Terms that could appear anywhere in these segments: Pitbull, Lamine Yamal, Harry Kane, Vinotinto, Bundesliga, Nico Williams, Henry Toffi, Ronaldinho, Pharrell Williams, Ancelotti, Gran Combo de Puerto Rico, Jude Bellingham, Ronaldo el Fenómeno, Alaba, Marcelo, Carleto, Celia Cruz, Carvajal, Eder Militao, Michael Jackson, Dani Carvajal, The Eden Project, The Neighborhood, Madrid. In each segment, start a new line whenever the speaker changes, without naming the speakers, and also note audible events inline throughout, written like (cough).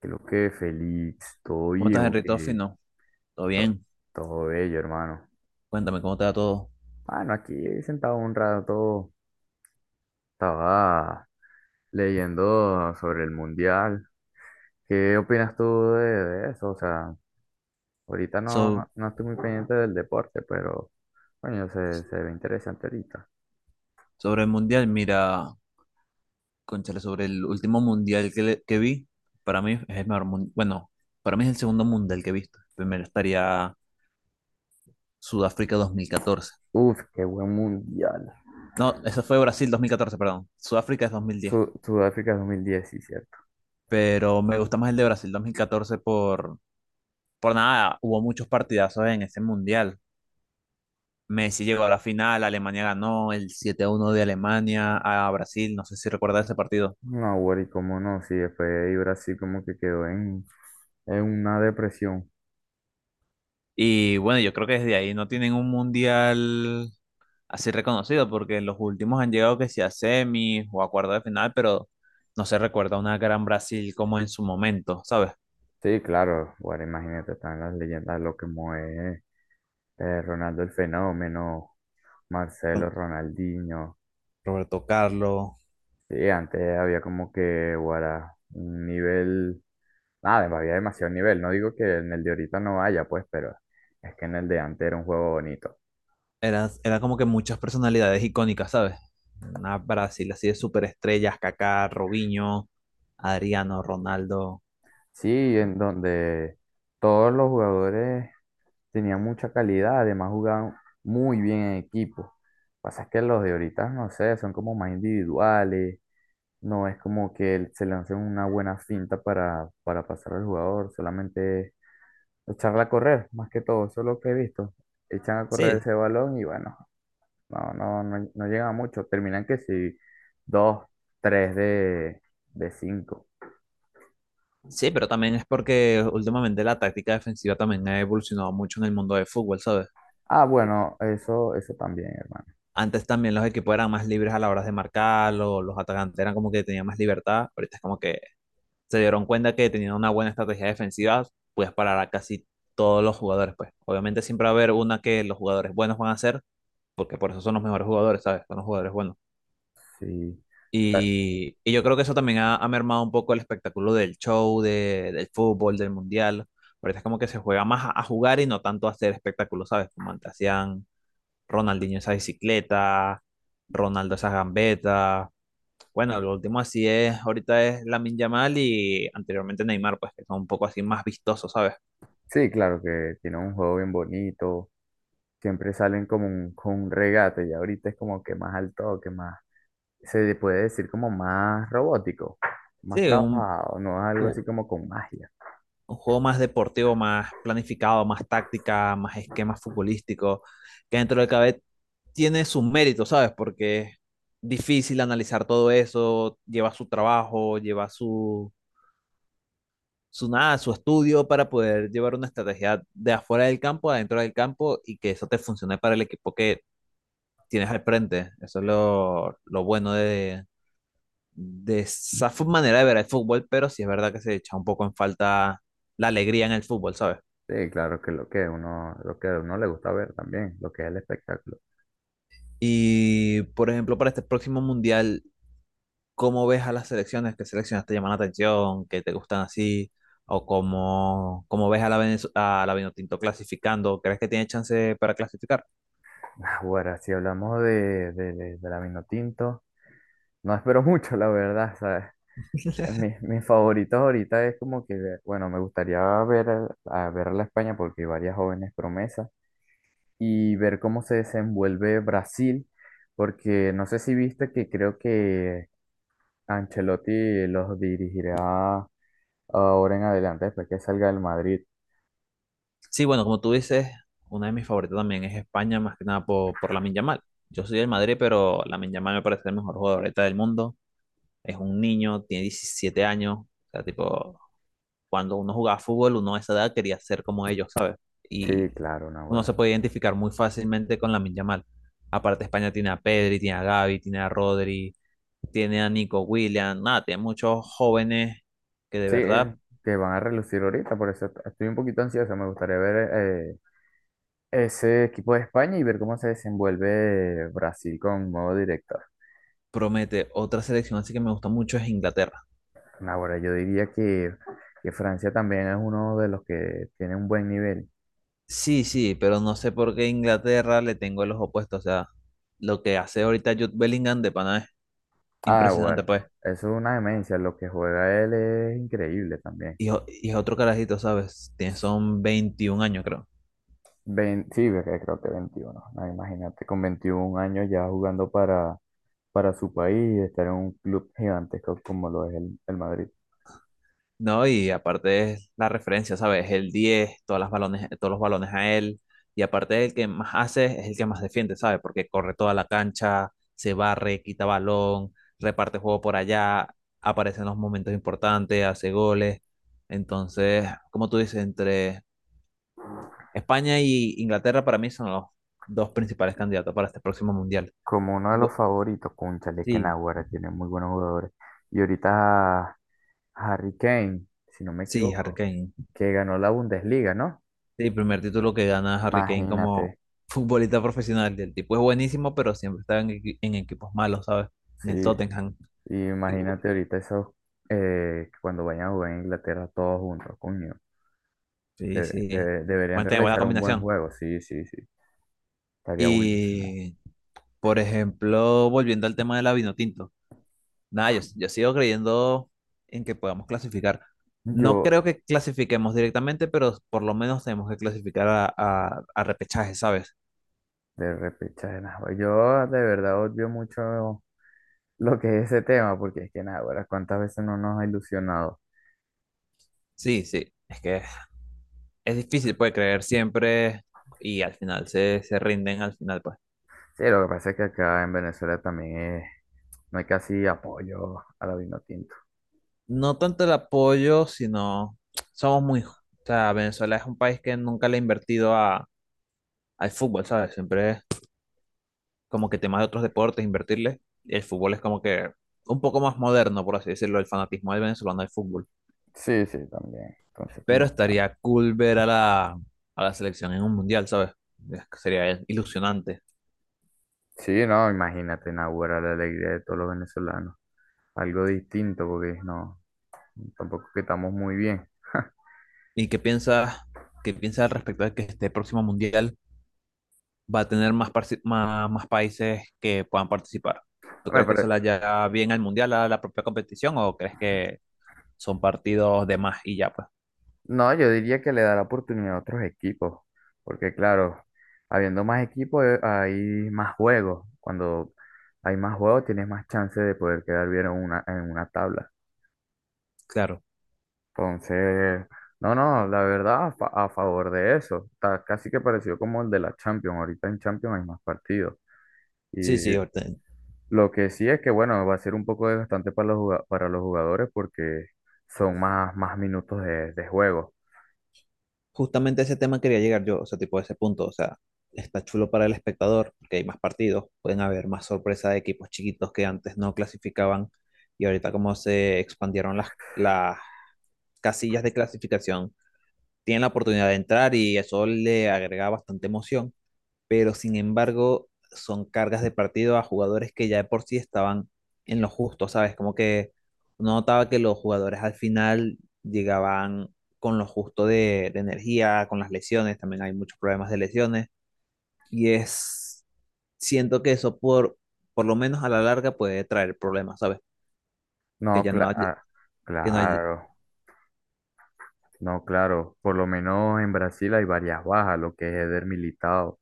Creo que feliz, todo
¿Cómo
bien,
estás,
o
Henry Toffi?
que
No, todo
to-
bien.
todo bello, hermano.
Cuéntame cómo te va todo.
Bueno, aquí sentado un rato, estaba leyendo sobre el mundial. ¿Qué opinas tú de eso? O sea, ahorita no,
So-
no, no estoy muy pendiente del deporte, pero coño, se ve interesante ahorita.
sobre el mundial, mira, cónchale, sobre el último mundial que, que vi, para mí es el mejor mundial. Bueno, para mí es el segundo mundial que he visto. Primero estaría Sudáfrica 2014.
Uf, qué buen mundial.
No, eso fue Brasil 2014, perdón. Sudáfrica es 2010.
Sudáfrica 2010, sí, cierto.
Pero me gusta más el de Brasil 2014 por nada. Hubo muchos partidazos en ese mundial. Messi llegó a la final, Alemania ganó el 7-1 de Alemania a Brasil. No sé si recuerdas ese partido.
No, güey, cómo no, sí, después ahí Brasil como que quedó en una depresión.
Y bueno, yo creo que desde ahí no tienen un mundial así reconocido, porque los últimos han llegado que sea a semis o a cuartos de final, pero no se recuerda una gran Brasil como en su momento, ¿sabes?
Sí, claro, bueno, imagínate, están las leyendas, lo que mueve Ronaldo el Fenómeno, Marcelo,
Con
Ronaldinho.
Roberto Carlos,
Sí, antes había como que, guara, un nivel, nada, había demasiado nivel. No digo que en el de ahorita no haya, pues, pero es que en el de antes era un juego bonito.
era como que muchas personalidades icónicas, ¿sabes? Una Brasil así de superestrellas, Kaká, Robinho, Adriano, Ronaldo.
Sí, en donde todos los jugadores tenían mucha calidad, además jugaban muy bien en equipo. Pasa es que los de ahorita, no sé, son como más individuales. No es como que él se lance una buena finta para pasar al jugador, solamente echarla a correr, más que todo, eso es lo que he visto. Echan a correr
Sí,
ese balón y bueno, no llega mucho. Terminan que si dos, tres de cinco.
sí, pero también es porque últimamente la táctica defensiva también ha evolucionado mucho en el mundo del fútbol, ¿sabes?
Ah, bueno, eso también, hermano.
Antes también los equipos eran más libres a la hora de marcar, los atacantes eran como que tenían más libertad. Ahorita es como que se dieron cuenta que teniendo una buena estrategia defensiva, puedes parar a casi todos los jugadores, pues. Obviamente siempre va a haber una que los jugadores buenos van a hacer, porque por eso son los mejores jugadores, ¿sabes? Son los jugadores buenos.
Sí. O sea,
Y yo creo que eso también ha, ha mermado un poco el espectáculo del show, del fútbol, del mundial. Ahorita es como que se juega más a jugar y no tanto a hacer espectáculos, ¿sabes? Como antes hacían Ronaldinho esa bicicleta, Ronaldo esas gambetas. Bueno, lo último así es, ahorita es Lamine Yamal y anteriormente Neymar, pues que son un poco así más vistosos, ¿sabes?
sí, claro que tiene un juego bien bonito. Siempre salen como con un regate y ahorita es como que más al toque, más. Se le puede decir como más robótico, más
Sí,
trabajado, no es algo así
ju-
como con magia.
un juego más deportivo, más planificado, más táctica, más esquemas futbolísticos, que dentro de cada vez tiene sus méritos, ¿sabes? Porque es difícil analizar todo eso, lleva su trabajo, lleva su nada, su estudio para poder llevar una estrategia de afuera del campo, adentro del campo y que eso te funcione para el equipo que tienes al frente. Eso es lo bueno de esa manera de ver el fútbol, pero sí es verdad que se echa un poco en falta la alegría en el fútbol, ¿sabes?
Sí, claro que lo que uno, lo que a uno le gusta ver también, lo que es el espectáculo.
Y, por ejemplo, para este próximo mundial, ¿cómo ves a las selecciones? ¿Qué selecciones te llaman la atención? ¿Qué te gustan así? ¿O cómo ves a la Vinotinto clasificando? ¿Crees que tiene chance para clasificar?
Ahora, si hablamos de la Vinotinto, no espero (laughs) mucho, la verdad, ¿sabes? Mis favoritos ahorita es como que, bueno, me gustaría ver a ver a la España porque hay varias jóvenes promesas y ver cómo se desenvuelve Brasil, porque no sé si viste que creo que Ancelotti los dirigirá ahora en adelante, después que salga del Madrid.
Sí, bueno, como tú dices, una de mis favoritas también es España, más que nada por Lamine Yamal. Yo soy del Madrid, pero Lamine Yamal me parece el mejor jugador ahorita del mundo. Es un niño, tiene 17 años. O sea, tipo, cuando uno jugaba fútbol, uno a esa edad quería ser como ellos, ¿sabes?
Sí,
Y
claro, no,
uno
bueno.
se puede identificar muy fácilmente con Lamine Yamal. Aparte, España tiene a Pedri, tiene a Gavi, tiene a Rodri, tiene a Nico Williams, nada, tiene muchos jóvenes que de
Sí,
verdad
que van a relucir ahorita, por eso estoy un poquito ansioso. Me gustaría ver eh, ese equipo de España y ver cómo se desenvuelve Brasil con nuevo director.
promete. Otra selección así que me gusta mucho es Inglaterra.
Ahora, yo diría que Francia también es uno de los que tiene un buen nivel.
Sí, sí, pero no sé por qué Inglaterra le tengo el ojo puesto. O sea, lo que hace ahorita Jude Bellingham de pana es
Ah, bueno,
impresionante, pues.
eso es una demencia. Lo que juega él es increíble también.
Y es otro carajito, ¿sabes? Tiene, son 21 años, creo.
Sí, ve creo que veintiuno. No, imagínate, con 21 años ya jugando para su país y estar en un club gigantesco como lo es el Madrid.
No, y aparte es la referencia, ¿sabes? El 10, todas las balones, todos los balones a él. Y aparte el que más hace es el que más defiende, ¿sabes? Porque corre toda la cancha, se barre, quita balón, reparte juego por allá, aparece en los momentos importantes, hace goles. Entonces, como tú dices, entre España y Inglaterra para mí son los dos principales candidatos para este próximo mundial.
Como uno de los
Gu-
favoritos, cónchale, que
Sí,
Naguará tiene muy buenos jugadores. Y ahorita Harry Kane, si no me
sí, Harry
equivoco,
Kane.
que ganó la Bundesliga, ¿no?
Sí, primer título que gana Harry Kane como
Imagínate,
(laughs) futbolista profesional. El tipo es buenísimo, pero siempre está en equipos malos, ¿sabes? En
sí.
el Tottenham.
Y
Y bu-
imagínate ahorita esos cuando vayan a jugar en Inglaterra todos juntos, coño.
sí, sí.
Deberían
Buena, buena
realizar un buen
combinación.
juego, sí, sí, sí. Estaría buenísimo.
Y, por ejemplo, volviendo al tema de la Vinotinto. Nada, yo sigo creyendo en que podamos clasificar. No
Yo,
creo que clasifiquemos directamente, pero por lo menos tenemos que clasificar a repechaje, ¿sabes?
de repechaje, nah, güey, yo de verdad odio mucho lo que es ese tema, porque es que nada, ahora cuántas veces no nos ha ilusionado.
Sí, sí, es que es difícil, pues, creer siempre y al final se rinden, al final, pues.
Sí, lo que pasa es que acá en Venezuela también no hay casi apoyo a la vino tinto.
No tanto el apoyo, sino somos muy... O sea, Venezuela es un país que nunca le ha invertido al fútbol, ¿sabes? Siempre es como que temas de otros deportes, invertirle. Y el fútbol es como que un poco más moderno, por así decirlo, el fanatismo del venezolano al fútbol.
Sí, sí, también. Entonces, como
Pero
que, no.
estaría cool ver a la selección en un mundial, ¿sabes? Es que sería ilusionante.
Sí, no, imagínate, Nahuara, la alegría de todos los venezolanos. Algo distinto, porque no, tampoco que estamos muy bien.
¿Y qué piensas al respecto de que este próximo mundial va a tener más países que puedan participar? ¿Tú
Me
crees que eso
pare-
le haya bien al mundial, a la propia competición, o crees que son partidos de más y ya, pues?
No, yo diría que le da la oportunidad a otros equipos, porque claro, habiendo más equipos, hay más juegos. Cuando hay más juegos tienes más chance de poder quedar bien en una tabla.
Claro.
Entonces, no, no, la verdad a favor de eso. Está casi que parecido como el de la Champions. Ahorita en Champions hay más partidos. Y
Sí, sí, ahorita
lo que sí es que, bueno, va a ser un poco desgastante para para los jugadores porque son más minutos de juego.
justamente a ese tema quería llegar yo, o sea, tipo a ese punto, o sea, está chulo para el espectador, porque hay más partidos, pueden haber más sorpresa de equipos chiquitos que antes no clasificaban y ahorita como se expandieron las casillas de clasificación, tienen la oportunidad de entrar y eso le agrega bastante emoción pero sin embargo son cargas de partido a jugadores que ya de por sí estaban en lo justo, ¿sabes? Como que uno notaba que los jugadores al final llegaban con lo justo de energía, con las lesiones, también hay muchos problemas de lesiones, y es, siento que eso por lo menos a la larga puede traer problemas, ¿sabes? Que
No,
ya no hay,
claro.
que no hay,
Claro. No, claro, por lo menos en Brasil hay varias bajas, lo que es Eder Militao.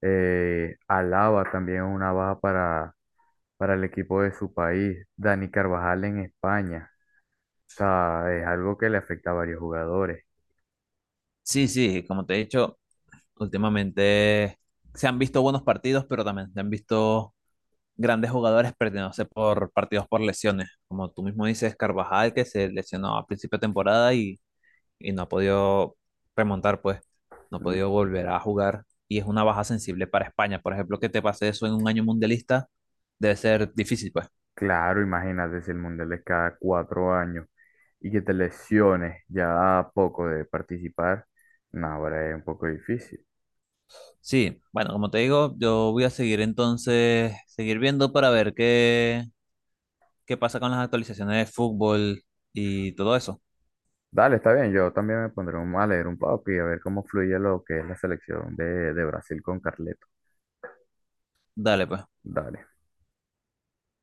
Alaba también es una baja para el equipo de su país. Dani Carvajal en España. O sea, es algo que le afecta a varios jugadores.
sí, sí, como te he dicho, últimamente se han visto buenos partidos, pero también se han visto grandes jugadores perdiéndose por partidos por lesiones. Como tú mismo dices, Carvajal, que se lesionó a principio de temporada y no ha podido remontar, pues, no ha
Mm,
podido volver a jugar. Y es una baja sensible para España. Por ejemplo, que te pase eso en un año mundialista debe ser difícil, pues.
claro, imagínate si el Mundial es cada 4 años y que te lesiones ya a poco de participar. No, ahora es un poco difícil.
Sí, bueno, como te digo, yo voy a seguir entonces, seguir viendo para ver qué pasa con las actualizaciones de fútbol y todo eso.
Dale, está bien, yo también me pondré un, a leer un poco y a ver cómo fluye lo que es la selección de Brasil con Carleto.
Dale, pues.
Dale.